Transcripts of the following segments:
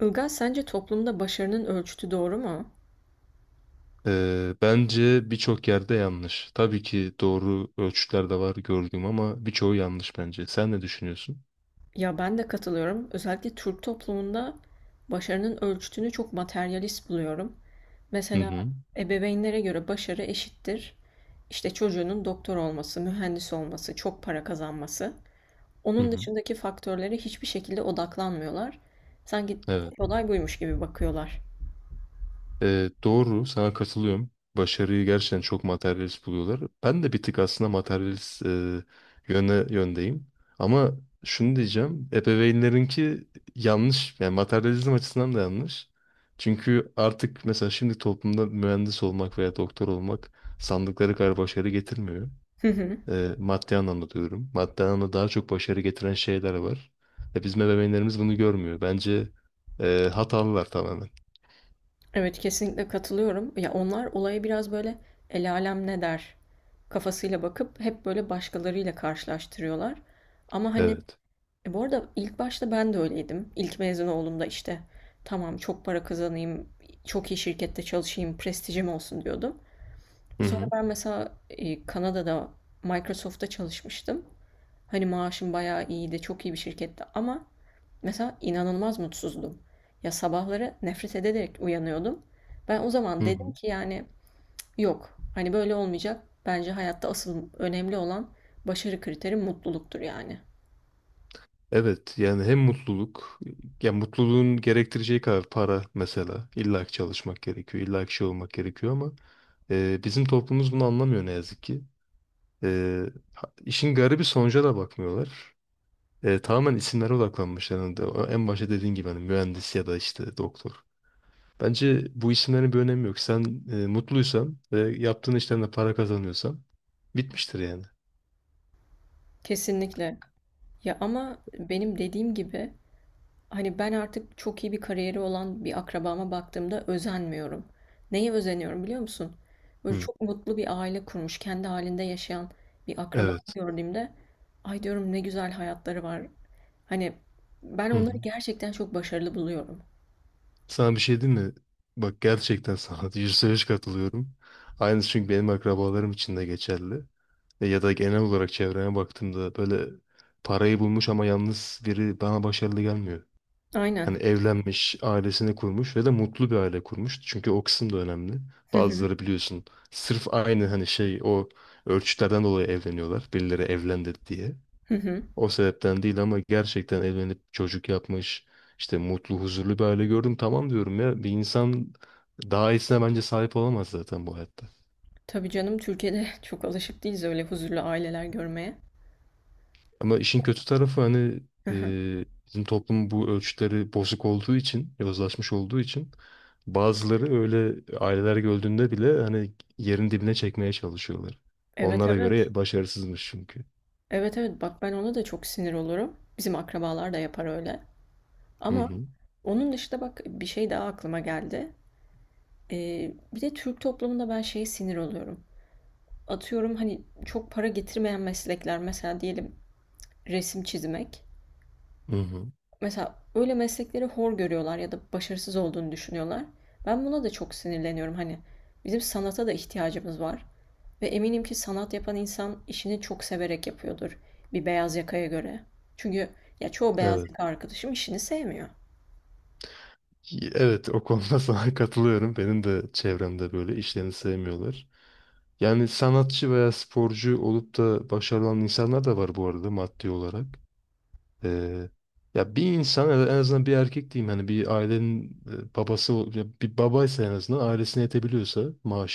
Ilgaz, sence toplumda başarının ölçütü doğru mu? Bence birçok yerde yanlış. Tabii ki doğru ölçütler de var gördüğüm ama birçoğu yanlış bence. Sen ne düşünüyorsun? Ya ben de katılıyorum. Özellikle Türk toplumunda başarının ölçütünü çok materyalist buluyorum. Hı Mesela hı. ebeveynlere göre başarı eşittir. İşte çocuğunun doktor olması, mühendis olması, çok para kazanması. Hı Onun hı. dışındaki faktörlere hiçbir şekilde odaklanmıyorlar. Sanki Evet. tek olay buymuş gibi bakıyorlar. Doğru. Sana katılıyorum. Başarıyı gerçekten çok materyalist buluyorlar. Ben de bir tık aslında materyalist yöndeyim. Ama şunu diyeceğim. Ebeveynlerinki yanlış. Yani materyalizm açısından da yanlış. Çünkü artık mesela şimdi toplumda mühendis olmak veya doktor olmak sandıkları kadar başarı getirmiyor. Maddi anlamda diyorum. Maddi anlamda daha çok başarı getiren şeyler var. Bizim ebeveynlerimiz bunu görmüyor. Bence hatalılar tamamen. Evet, kesinlikle katılıyorum. Ya onlar olaya biraz böyle el alem ne der kafasıyla bakıp hep böyle başkalarıyla karşılaştırıyorlar. Ama hani Evet. Bu arada ilk başta ben de öyleydim. İlk mezun olduğumda işte tamam çok para kazanayım, çok iyi şirkette çalışayım, prestijim olsun diyordum. Hı Sonra hı. ben mesela Kanada'da Microsoft'ta çalışmıştım. Hani maaşım bayağı iyiydi, çok iyi bir şirkette ama mesela inanılmaz mutsuzdum. Ya sabahları nefret ederek uyanıyordum. Ben o Hı zaman dedim hı. ki yani yok, hani böyle olmayacak. Bence hayatta asıl önemli olan başarı kriteri mutluluktur yani. Evet, yani hem mutluluk ya mutluluğun gerektireceği kadar para, mesela illa ki çalışmak gerekiyor, illa ki şey olmak gerekiyor ama bizim toplumumuz bunu anlamıyor ne yazık ki. E, işin garibi sonuca da bakmıyorlar. Tamamen isimlere odaklanmışlar. En başta dediğin gibi hani mühendis ya da işte doktor. Bence bu isimlerin bir önemi yok. Sen mutluysan ve yaptığın işten de para kazanıyorsan bitmiştir yani. Kesinlikle. Ya ama benim dediğim gibi hani ben artık çok iyi bir kariyeri olan bir akrabama baktığımda özenmiyorum. Neye özeniyorum biliyor musun? Böyle Hı, çok mutlu bir aile kurmuş, kendi halinde yaşayan bir akrabamı evet. gördüğümde ay diyorum ne güzel hayatları var. Hani ben Hı hı. onları gerçekten çok başarılı buluyorum. Sana bir şey diyeyim mi? Bak gerçekten sana yüzde yüz katılıyorum. Aynısı çünkü benim akrabalarım için de geçerli. Ya da genel olarak çevreme baktığımda böyle parayı bulmuş ama yalnız biri bana başarılı gelmiyor. Hani Aynen. evlenmiş, ailesini kurmuş ve de mutlu bir aile kurmuş. Çünkü o kısım da önemli. Hı hı. Bazıları biliyorsun sırf aynı hani şey o ölçütlerden dolayı evleniyorlar. Birileri evlendi diye. Hı hı. O sebepten değil ama gerçekten evlenip çocuk yapmış. İşte mutlu, huzurlu bir aile gördüm. Tamam diyorum ya, bir insan daha iyisine bence sahip olamaz zaten bu hayatta. Tabii canım Türkiye'de çok alışık değiliz öyle huzurlu aileler görmeye. Ama işin kötü tarafı hani Hı hı. Bizim toplum bu ölçütleri bozuk olduğu için, yozlaşmış olduğu için bazıları öyle aileler gördüğünde bile hani yerin dibine çekmeye çalışıyorlar. Evet, Onlara evet. göre başarısızmış çünkü. Evet, evet, bak ben ona da çok sinir olurum. Bizim akrabalar da yapar öyle. Hı Ama hı. onun dışında bak bir şey daha aklıma geldi. Bir de Türk toplumunda ben şeye sinir oluyorum. Atıyorum hani çok para getirmeyen meslekler mesela diyelim resim çizmek. Hı hı. Mesela öyle meslekleri hor görüyorlar ya da başarısız olduğunu düşünüyorlar. Ben buna da çok sinirleniyorum. Hani bizim sanata da ihtiyacımız var. Ve eminim ki sanat yapan insan işini çok severek yapıyordur. Bir beyaz yakaya göre. Çünkü ya çoğu beyaz Evet. yaka arkadaşım işini sevmiyor. Evet, o konuda sana katılıyorum. Benim de çevremde böyle işlerini sevmiyorlar. Yani sanatçı veya sporcu olup da başarılı olan insanlar da var bu arada maddi olarak. Ee, Ya bir insan en azından, bir erkek diyeyim hani, bir ailenin ya bir babaysa en azından ailesine yetebiliyorsa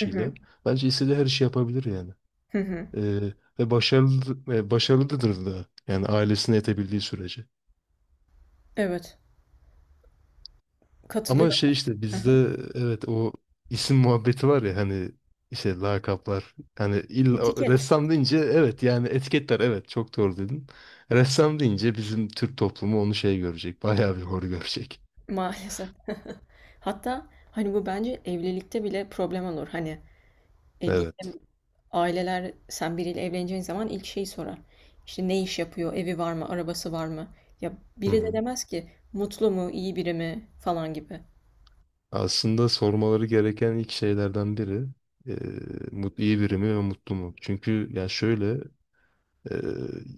Hı hı. bence istediği her işi yapabilir yani. Hı hı. Ee, Ve başarılı başarılıdır da yani ailesine yetebildiği sürece. Evet. Ama şey Katılıyorum. işte Hı hı. bizde evet o isim muhabbeti var ya, hani işte lakaplar, hani illa Etiket ressam deyince evet yani etiketler, evet çok doğru dedin. Ressam deyince bizim Türk toplumu onu şey görecek, bayağı bir hor görecek. maalesef. Hatta hani bu bence evlilikte bile problem olur. Hani Evet. diyelim aileler sen biriyle evleneceğin zaman ilk şeyi sorar. İşte ne iş yapıyor, evi var mı, arabası var mı? Ya Hı biri de hı. demez ki mutlu mu, iyi biri mi falan gibi. Aslında sormaları gereken ilk şeylerden biri e, iyi biri mi ve mutlu mu? Çünkü ya şöyle e,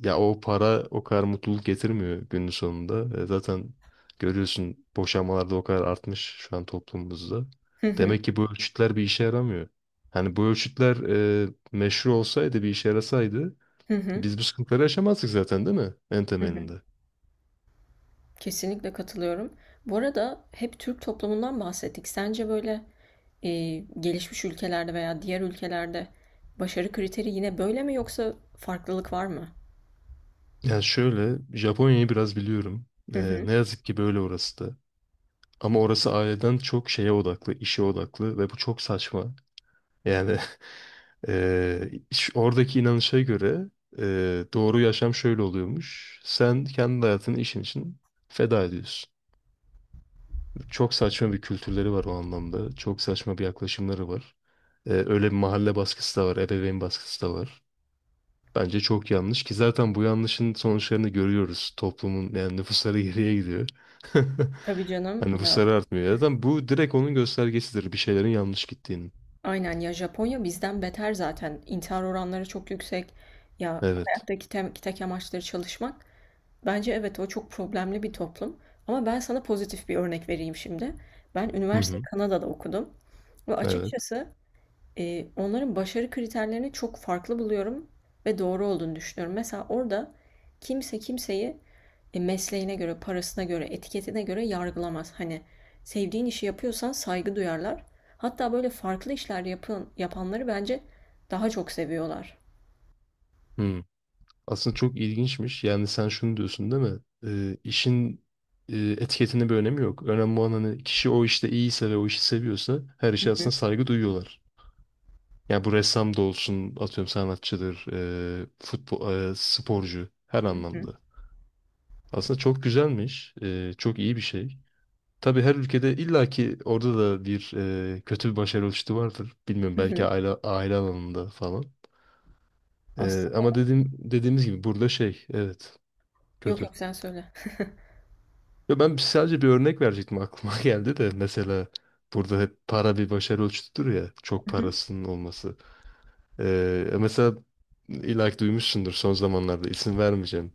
ya o para o kadar mutluluk getirmiyor günün sonunda. Zaten görüyorsun, boşanmalar o kadar artmış şu an toplumumuzda. Hı hı, Demek ki bu ölçütler bir işe yaramıyor. Hani bu ölçütler meşru olsaydı, bir işe yarasaydı hı hı, biz bu sıkıntıları yaşamazdık zaten, değil mi? En hı hı. temelinde. Kesinlikle katılıyorum. Bu arada hep Türk toplumundan bahsettik. Sence böyle e, gelişmiş ülkelerde veya diğer ülkelerde başarı kriteri yine böyle mi yoksa farklılık var mı? Yani şöyle, Japonya'yı biraz biliyorum. Hı hı. Ne yazık ki böyle orası da. Ama orası aileden çok şeye odaklı, işe odaklı ve bu çok saçma. Yani oradaki inanışa göre doğru yaşam şöyle oluyormuş. Sen kendi hayatını işin için feda ediyorsun. Çok saçma bir kültürleri var o anlamda. Çok saçma bir yaklaşımları var. Öyle bir mahalle baskısı da var, ebeveyn baskısı da var. Bence çok yanlış ki zaten bu yanlışın sonuçlarını görüyoruz. Toplumun yani nüfusları geriye gidiyor. Tabii canım Hani ya, nüfusları artmıyor. Zaten bu direkt onun göstergesidir bir şeylerin yanlış gittiğinin. aynen ya, Japonya bizden beter zaten. İntihar oranları çok yüksek. Ya Evet. hayattaki tek amaçları çalışmak. Bence evet o çok problemli bir toplum. Ama ben sana pozitif bir örnek vereyim şimdi. Ben Hı üniversiteyi hı. Kanada'da okudum. Ve Evet. açıkçası onların başarı kriterlerini çok farklı buluyorum ve doğru olduğunu düşünüyorum. Mesela orada kimse kimseyi mesleğine göre, parasına göre, etiketine göre yargılamaz. Hani sevdiğin işi yapıyorsan saygı duyarlar. Hatta böyle farklı işler yapın, yapanları bence daha çok seviyorlar. Hı. Aslında çok ilginçmiş. Yani sen şunu diyorsun değil mi? İşin etiketinin bir önemi yok. Önemli olan hani kişi o işte iyiyse ve o işi seviyorsa her işe aslında Hı saygı duyuyorlar. Yani bu ressam da olsun, atıyorum sanatçıdır, futbol, sporcu, her hı, anlamda. Aslında çok güzelmiş. Çok iyi bir şey. Tabii her ülkede illaki orada da bir kötü bir başarı ölçütü vardır. Bilmiyorum, hı belki hı. aile, aile alanında falan. Aslında Ama dediğimiz gibi burada şey evet yok, kötü. yok, sen söyle. Ya ben sadece bir örnek verecektim, aklıma geldi de, mesela burada hep para bir başarı ölçütüdür ya, çok Hı hı. parasının olması. Mesela illaki duymuşsundur son zamanlarda, isim vermeyeceğim.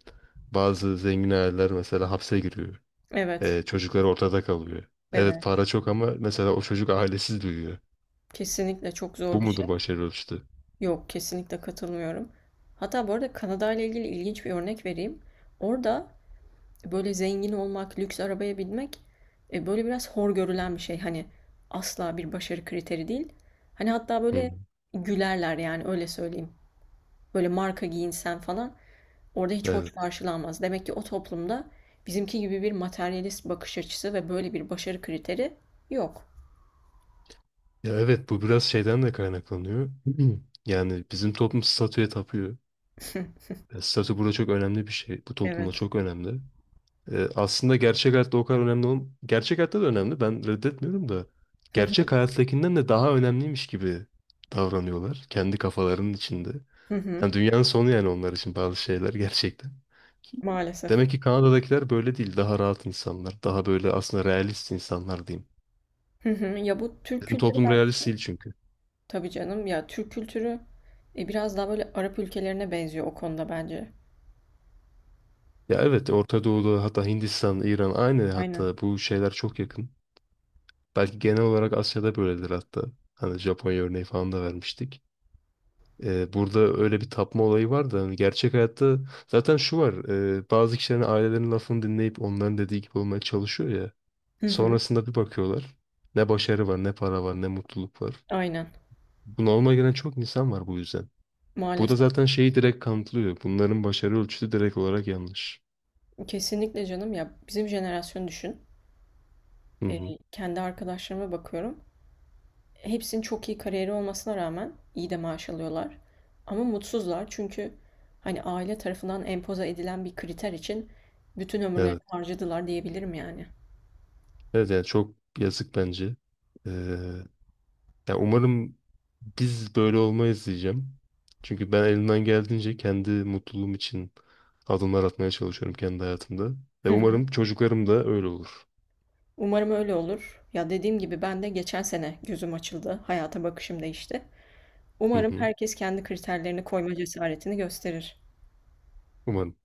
Bazı zengin aileler mesela hapse giriyor. Evet, Çocukları ortada kalıyor. Evet, evet. para çok ama mesela o çocuk ailesiz büyüyor. Kesinlikle çok Bu zor bir şey. mudur başarı ölçütü? Yok, kesinlikle katılmıyorum. Hatta bu arada Kanada ile ilgili ilginç bir örnek vereyim. Orada böyle zengin olmak, lüks arabaya binmek böyle biraz hor görülen bir şey. Hani asla bir başarı kriteri değil. Hani hatta Hı hı. böyle gülerler yani, öyle söyleyeyim. Böyle marka giyinsen falan orada hiç hoş Evet. karşılanmaz. Demek ki o toplumda bizimki gibi bir materyalist bakış açısı ve böyle bir başarı kriteri yok. Ya evet, bu biraz şeyden de kaynaklanıyor. Yani bizim toplum statüye tapıyor. Statü burada çok önemli bir şey. Bu toplumda Evet. çok önemli. E, aslında gerçek hayatta o kadar önemli olm Gerçek hayatta da önemli. Ben reddetmiyorum da. Gerçek hayattakinden de daha önemliymiş gibi davranıyorlar. Kendi kafalarının içinde. Hı hı. Yani dünyanın sonu yani onlar için bazı şeyler gerçekten. Maalesef. Demek ki Kanada'dakiler böyle değil. Daha rahat insanlar. Daha böyle aslında realist insanlar diyeyim. Hı hı. Ya bu Türk Bizim kültürü toplum realist bence. değil çünkü. Tabii canım ya Türk kültürü biraz daha böyle Arap ülkelerine benziyor o konuda bence. Ya evet, Orta Doğu'da hatta Hindistan, İran aynı, Aynen. hatta bu şeyler çok yakın. Belki genel olarak Asya'da böyledir hatta. Hani Japonya örneği falan da vermiştik. Burada öyle bir tapma olayı var da hani gerçek hayatta zaten şu var. Bazı kişilerin, ailelerin lafını dinleyip onların dediği gibi olmaya çalışıyor ya. Hı hı. Sonrasında bir bakıyorlar. Ne başarı var, ne para var, ne mutluluk var. Aynen. Bu normal gelen çok insan var bu yüzden. Bu da Maalesef. zaten şeyi direkt kanıtlıyor. Bunların başarı ölçüsü direkt olarak yanlış. Kesinlikle canım ya, bizim jenerasyonu düşün. Hı Ee, hı. Kendi arkadaşlarıma bakıyorum. Hepsinin çok iyi kariyeri olmasına rağmen iyi de maaş alıyorlar. Ama mutsuzlar çünkü hani aile tarafından empoze edilen bir kriter için bütün ömürlerini Evet. harcadılar diyebilirim yani. Evet yani çok yazık bence. Ee, Ya umarım biz böyle olmayız diyeceğim. Çünkü ben elimden geldiğince kendi mutluluğum için adımlar atmaya çalışıyorum kendi hayatımda. Ve Hı hı. umarım çocuklarım da öyle olur. Umarım öyle olur. Ya dediğim gibi ben de geçen sene gözüm açıldı. Hayata bakışım değişti. Hı Umarım hı. herkes kendi kriterlerini koyma cesaretini gösterir. Umarım.